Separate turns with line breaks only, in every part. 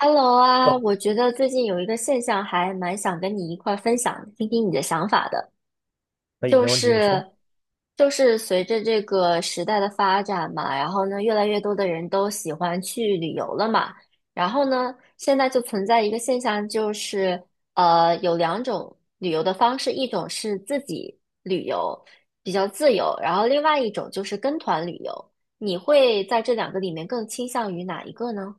Hello 啊，
哦，
我觉得最近有一个现象还蛮想跟你一块儿分享，听听你的想法的，
可以，
就
没问题，你说。
是就是随着这个时代的发展嘛，然后呢，越来越多的人都喜欢去旅游了嘛。然后呢，现在就存在一个现象，就是有两种旅游的方式，一种是自己旅游，比较自由，然后另外一种就是跟团旅游，你会在这两个里面更倾向于哪一个呢？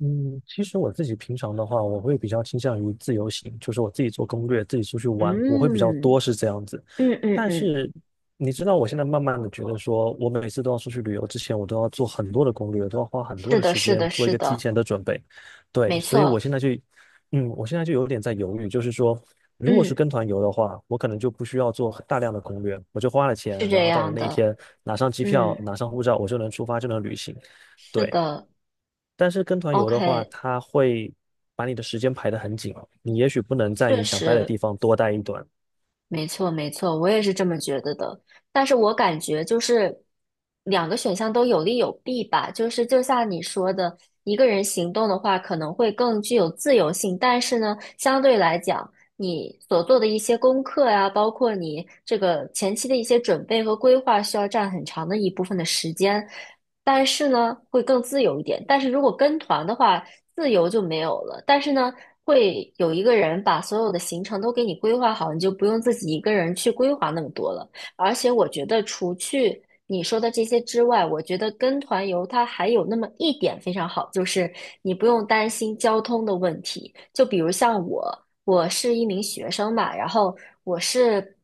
嗯，其实我自己平常的话，我会比较倾向于自由行，就是我自己做攻略，自己出去玩，我会比较
嗯。
多是这样子。
嗯嗯
但
嗯。
是你知道，我现在慢慢的觉得说，我每次都要出去旅游之前，我都要做很多的攻略，都要花很多
是
的
的，
时
是
间
的，
做一
是
个提
的。
前的准备。对，
没
所以我
错。
现在就，嗯，我现在就有点在犹豫，就是说，如果是
嗯。
跟团游的话，我可能就不需要做大量的攻略，我就花了钱，
是
然
这
后到了
样
那一
的。
天，拿上机票，
嗯。
拿上护照，我就能出发，就能旅行。
是
对，
的
但是跟团游的话，
，OK。
它会把你的时间排得很紧哦，你也许不能在你
确
想待的地
实。
方多待一段。
没错，没错，我也是这么觉得的。但是我感觉就是两个选项都有利有弊吧。就是就像你说的，一个人行动的话可能会更具有自由性，但是呢，相对来讲，你所做的一些功课呀，包括你这个前期的一些准备和规划，需要占很长的一部分的时间。但是呢，会更自由一点。但是如果跟团的话，自由就没有了。但是呢，会有一个人把所有的行程都给你规划好，你就不用自己一个人去规划那么多了。而且我觉得，除去你说的这些之外，我觉得跟团游它还有那么一点非常好，就是你不用担心交通的问题。就比如像我，我是一名学生嘛，然后我是。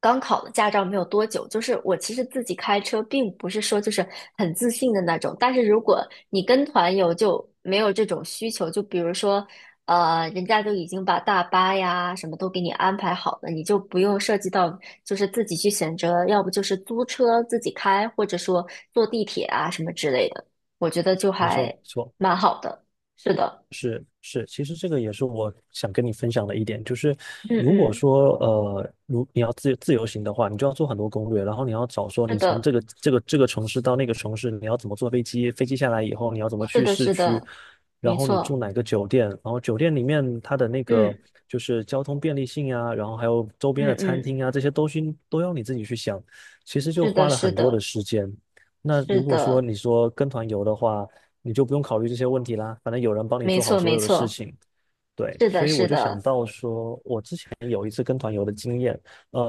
刚考了驾照没有多久，就是我其实自己开车，并不是说就是很自信的那种。但是如果你跟团游，就没有这种需求。就比如说人家都已经把大巴呀什么都给你安排好了，你就不用涉及到就是自己去选择，要不就是租车自己开，或者说坐地铁啊什么之类的，我觉得就
没错，没
还
错。
蛮好的。是的。
是，其实这个也是我想跟你分享的一点，就是
嗯
如果
嗯。
说如你要自由行的话，你就要做很多攻略，然后你要找说
是
你从
的，
这个城市到那个城市，你要怎么坐飞机，飞机下来以后你要怎么
是
去
的，
市
是
区，
的。
然
没
后你住
错。
哪个酒店，然后酒店里面它的那个
嗯
就是交通便利性啊，然后还有周边的
嗯
餐
嗯。
厅啊，这些东西都要你自己去想，其实就
是的，
花了
是
很多的
的，
时间。那
是
如果说
的。
你说跟团游的话，你就不用考虑这些问题啦，反正有人帮你
没
做好
错，
所
没
有的事
错。
情。对，
是的，
所以我
是
就想
的。
到说，我之前有一次跟团游的经验，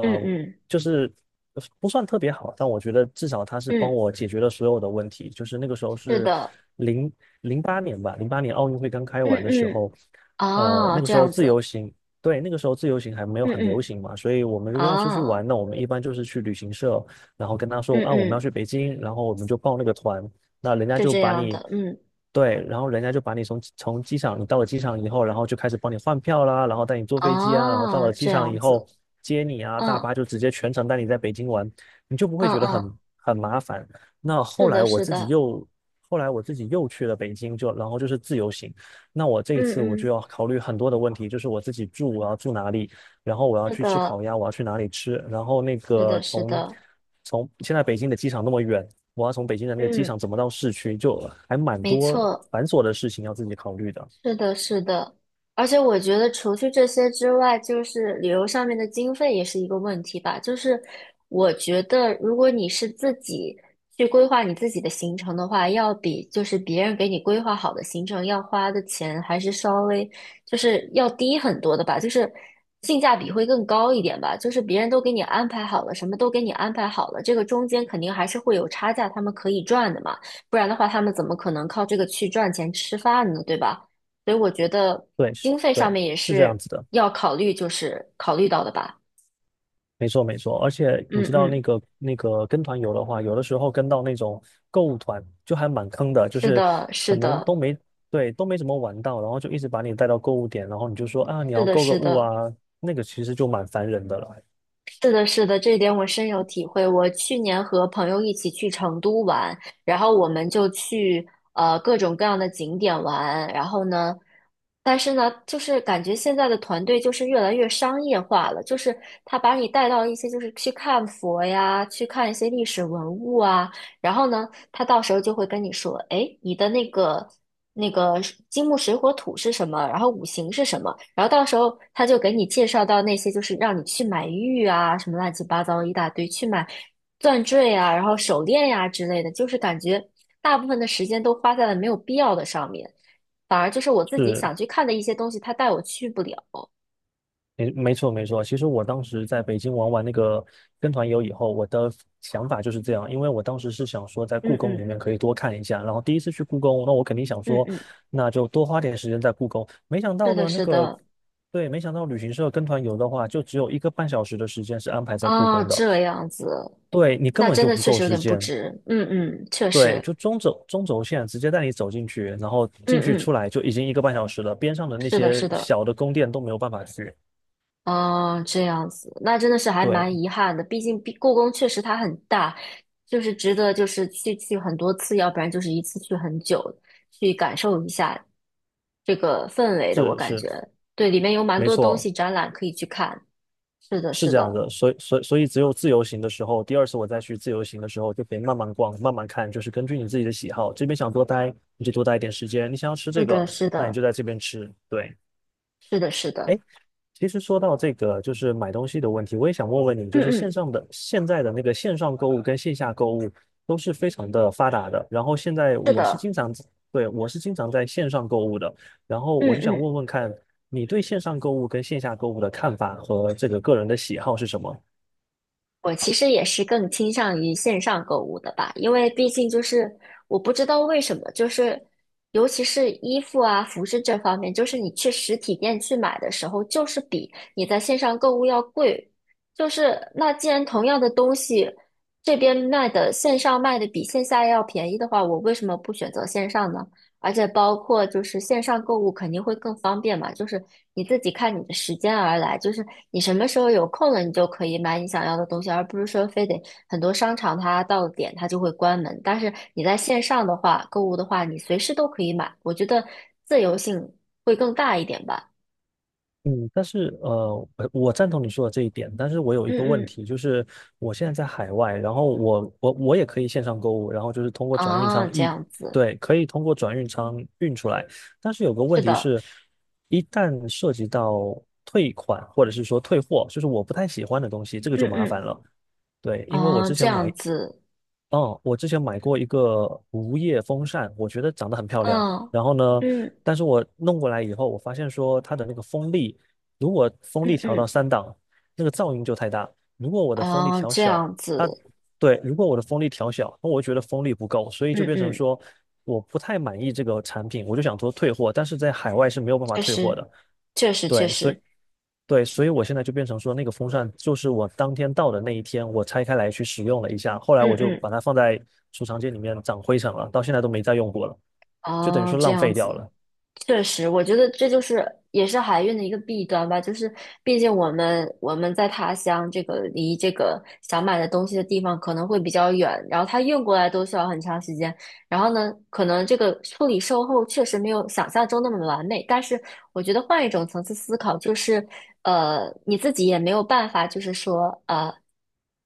嗯嗯
就是不算特别好，但我觉得至少他是帮
嗯。
我解决了所有的问题。就是那个时候
是
是
的。
零零八年奥运会刚开
嗯
完的时
嗯。
候，
啊，
那个
这
时候
样
自由
子。
行，对，那个时候自由行还没有
嗯
很流
嗯。
行嘛，所以我们如果要出去
啊。
玩，那我们一般就是去旅行社，然后跟他说
嗯
啊，我们要
嗯。
去北京，然后我们就报那个团，那人家
是
就
这
把
样
你，
的，嗯。
对，然后人家就把你从机场，你到了机场以后，然后就开始帮你换票啦，然后带你坐飞机啊，然后到
啊，
了机
这
场
样
以后
子。
接你啊，大
嗯
巴就直接全程带你在北京玩，你就不会
嗯
觉得很
嗯。
很麻烦。那
是
后来
的，
我
是
自己
的。
又，后来我自己又去了北京，就然后就是自由行。那我这一次我
嗯
就
嗯。
要考虑很多的问题，就是我自己住我要住哪里，然后我要
是
去吃
的，
烤鸭，我要去哪里吃，然后那
是
个
的，是
从
的。
从现在北京的机场那么远，我要从北京的那个机
嗯。
场怎么到市区，就还蛮
没
多
错。
繁琐的事情要自己考虑的。
是的，是的，而且我觉得除去这些之外，就是旅游上面的经费也是一个问题吧。就是我觉得，如果你是自己去规划你自己的行程的话，要比就是别人给你规划好的行程要花的钱还是稍微就是要低很多的吧，就是性价比会更高一点吧。就是别人都给你安排好了，什么都给你安排好了，这个中间肯定还是会有差价，他们可以赚的嘛。不然的话，他们怎么可能靠这个去赚钱吃饭呢，对吧？所以我觉得
对，是，
经费上
对，
面也
是这样
是
子的，
要考虑，就是考虑到的吧。
没错，没错。而且你
嗯
知道那
嗯。
个那个跟团游的话，有的时候跟到那种购物团就还蛮坑的，就
是
是
的，
可
是
能
的，
都没对都没怎么玩到，然后就一直把你带到购物点，然后你就说啊你
是
要
的，
购个
是
物
的。
啊，那个其实就蛮烦人的了。
是的，是的，这一点我深有体会。我去年和朋友一起去成都玩，然后我们就去各种各样的景点玩，然后呢，但是呢，就是感觉现在的团队就是越来越商业化了，就是他把你带到一些就是去看佛呀，去看一些历史文物啊，然后呢，他到时候就会跟你说，哎，你的那个。那个是金木水火土是什么，然后五行是什么，然后到时候他就给你介绍到那些，就是让你去买玉啊，什么乱七八糟一大堆，去买钻坠啊，然后手链呀、之类的，就是感觉大部分的时间都花在了没有必要的上面，反而就是我自己
是，
想去看的一些东西，他带我去不了。
没错没错，其实我当时在北京玩完那个跟团游以后，我的想法就是这样，因为我当时是想说在
嗯
故宫
嗯
里面可以多看一下，然后第1次去故宫，那我肯定想
嗯
说，
嗯。
那就多花点时间在故宫。没想到
是的，
呢，那
是
个
的。
对，没想到旅行社跟团游的话，就只有一个半小时的时间是安排在故
啊，
宫的，
这样子，
对你根
那
本
真
就
的
不
确
够
实有
时
点不
间。
值。嗯嗯，确
对，
实。
就中轴线直接带你走进去，然后
嗯
进去出
嗯。
来就已经一个半小时了，边上的那
是的，
些
是的。
小的宫殿都没有办法去。
哦，这样子，那真的是还
对，
蛮遗憾的。毕竟故宫确实它很大，就是值得就是去去很多次，要不然就是一次去很久，去感受一下这个氛围的。我
是
感
是。
觉对，里面有蛮
没
多东
错，
西展览可以去看。是的，
是
是
这样
的。
的，所以只有自由行的时候，第2次我再去自由行的时候，就可以慢慢逛，慢慢看，就是根据你自己的喜好，这边想多待，你就多待一点时间，你想要吃
是
这个，
的，是
那你
的。
就在这边吃。对，
是的，是的。
哎，其实说到这个，就是买东西的问题，我也想问问你，
嗯
就是线
嗯。
上的现在的那个线上购物跟线下购物都是非常的发达的。然后现在
是
我是
的。
经常，对，我是经常在线上购物的。然后
嗯
我就想
嗯。
问问看，你对线上购物跟线下购物的看法和这个个人的喜好是什么？
我其实也是更倾向于线上购物的吧，因为毕竟就是我不知道为什么，就是尤其是衣服啊、服饰这方面，就是你去实体店去买的时候，就是比你在线上购物要贵。就是那既然同样的东西，这边卖的线上卖的比线下要便宜的话，我为什么不选择线上呢？而且包括就是线上购物肯定会更方便嘛，就是你自己看你的时间而来，就是你什么时候有空了，你就可以买你想要的东西，而不是说非得很多商场它到了点它就会关门。但是你在线上的话，购物的话，你随时都可以买，我觉得自由性会更大一点吧。
嗯，但是我赞同你说的这一点，但是我有一个
嗯
问
嗯。
题，就是我现在在海外，然后我也可以线上购物，然后就是通过转运
啊，
仓
这
一，
样子。
对，可以通过转运仓运出来，但是有个问
是
题
的。
是，一旦涉及到退款或者是说退货，就是我不太喜欢的东西，这个就
嗯
麻
嗯。
烦了。对，因为我
啊，
之
这
前买
样子。
哦，我之前买过一个无叶风扇，我觉得长得很漂亮。
嗯
然后呢，
嗯
但是我弄过来以后，我发现说它的那个风力，如果风
嗯
力调到
嗯。
3档，那个噪音就太大。如果我的风力
啊，
调
这
小，
样
它
子。
对，如果我的风力调小，那我觉得风力不够，所以就
嗯
变成
嗯。
说我不太满意这个产品，我就想说退货，但是在海外是没有办法
确
退货
实，
的。
确实，确
对，所以
实。
对，所以我现在就变成说，那个风扇就是我当天到的那一天，我拆开来去使用了一下，后来
嗯
我就
嗯。
把它放在储藏间里面长灰尘了，到现在都没再用过了，就等于
哦，
说
这
浪
样
费掉
子。
了。
确实，我觉得这就是也是海运的一个弊端吧，就是毕竟我们在他乡这个离这个想买的东西的地方可能会比较远，然后他运过来都需要很长时间，然后呢，可能这个处理售后确实没有想象中那么完美，但是我觉得换一种层次思考，就是你自己也没有办法，就是说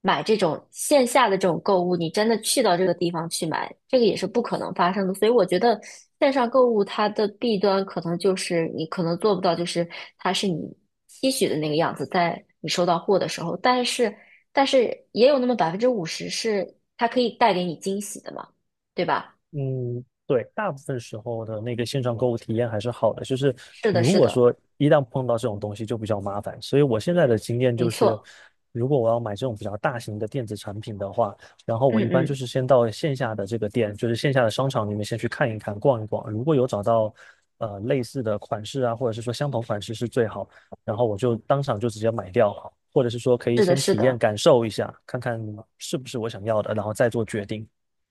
买这种线下的这种购物，你真的去到这个地方去买，这个也是不可能发生的。所以我觉得线上购物它的弊端可能就是你可能做不到，就是它是你期许的那个样子，在你收到货的时候，但是也有那么50%是它可以带给你惊喜的嘛，对吧？
嗯，对，大部分时候的那个线上购物体验还是好的，就是
是
你
的，
如
是
果
的。
说一旦碰到这种东西就比较麻烦，所以我现在的经验
没
就是，
错。
如果我要买这种比较大型的电子产品的话，然后我
嗯
一般就
嗯。
是先到线下的这个店，就是线下的商场里面先去看一看、逛一逛，如果有找到类似的款式啊，或者是说相同款式是最好，然后我就当场就直接买掉，或者是说可以
是的，
先
是
体验
的。
感受一下，看看是不是我想要的，然后再做决定。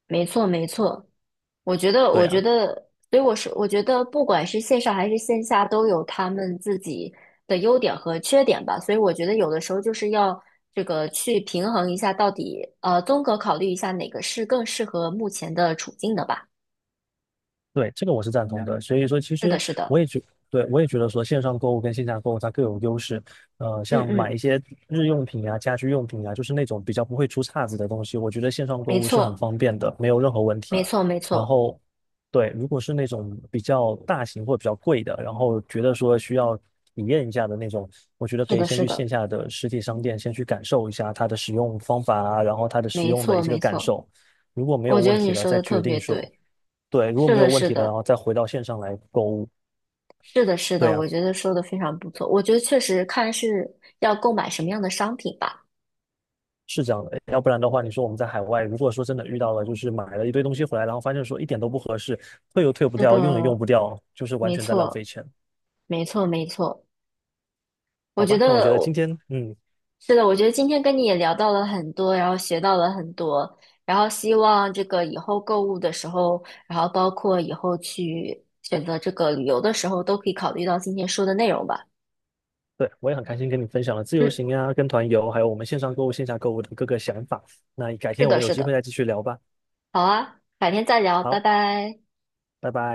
没错，没错。我觉得，
对
我觉
呀。
得，所以我说，我觉得不管是线上还是线下，都有他们自己的优点和缺点吧。所以我觉得有的时候就是要这个去平衡一下，到底综合考虑一下哪个是更适合目前的处境的吧。
对，这个我是赞同的。所以说，其
是的，
实
是
我
的。
也觉，对，我也觉得说线上购物跟线下购物它各有优势。呃，
嗯
像买
嗯。
一些日用品啊、家居用品啊，就是那种比较不会出岔子的东西，我觉得线上
没
购物是很
错，
方便的，没有任何问题。
没错，没
然
错。
后，对，如果是那种比较大型或者比较贵的，然后觉得说需要体验一下的那种，我觉得
是
可以
的，
先
是
去线
的。
下的实体商店先去感受一下它的使用方法啊，然后它的使
没
用的一
错，
些个
没
感
错。
受。如果没有
我觉
问
得
题
你
了，
说
再
的特
决
别
定说。
对。
对，如果
是
没有
的，
问
是
题了，然
的。
后再回到线上来购物。
是的，是
对
的，
呀，
我觉得说的非常不错。我觉得确实看是要购买什么样的商品吧。
是这样的。要不然的话，你说我们在海外，如果说真的遇到了，就是买了一堆东西回来，然后发现说一点都不合适，退又退不
是
掉，用也用
的。
不掉，就是完
没
全在浪费
错，
钱。
没错，没错。我
好
觉
吧，那我觉
得
得今
我
天，嗯，
是的，我觉得今天跟你也聊到了很多，然后学到了很多，然后希望这个以后购物的时候，然后包括以后去选择这个旅游的时候，都可以考虑到今天说的内容吧。
对，我也很开心跟你分享了自由
嗯。
行呀、跟团游，还有我们线上购物、线下购物的各个想法。那改
是
天我
的，
们有
是
机会
的。
再继续聊吧。
好啊，改天再聊，拜
好，
拜。
拜拜。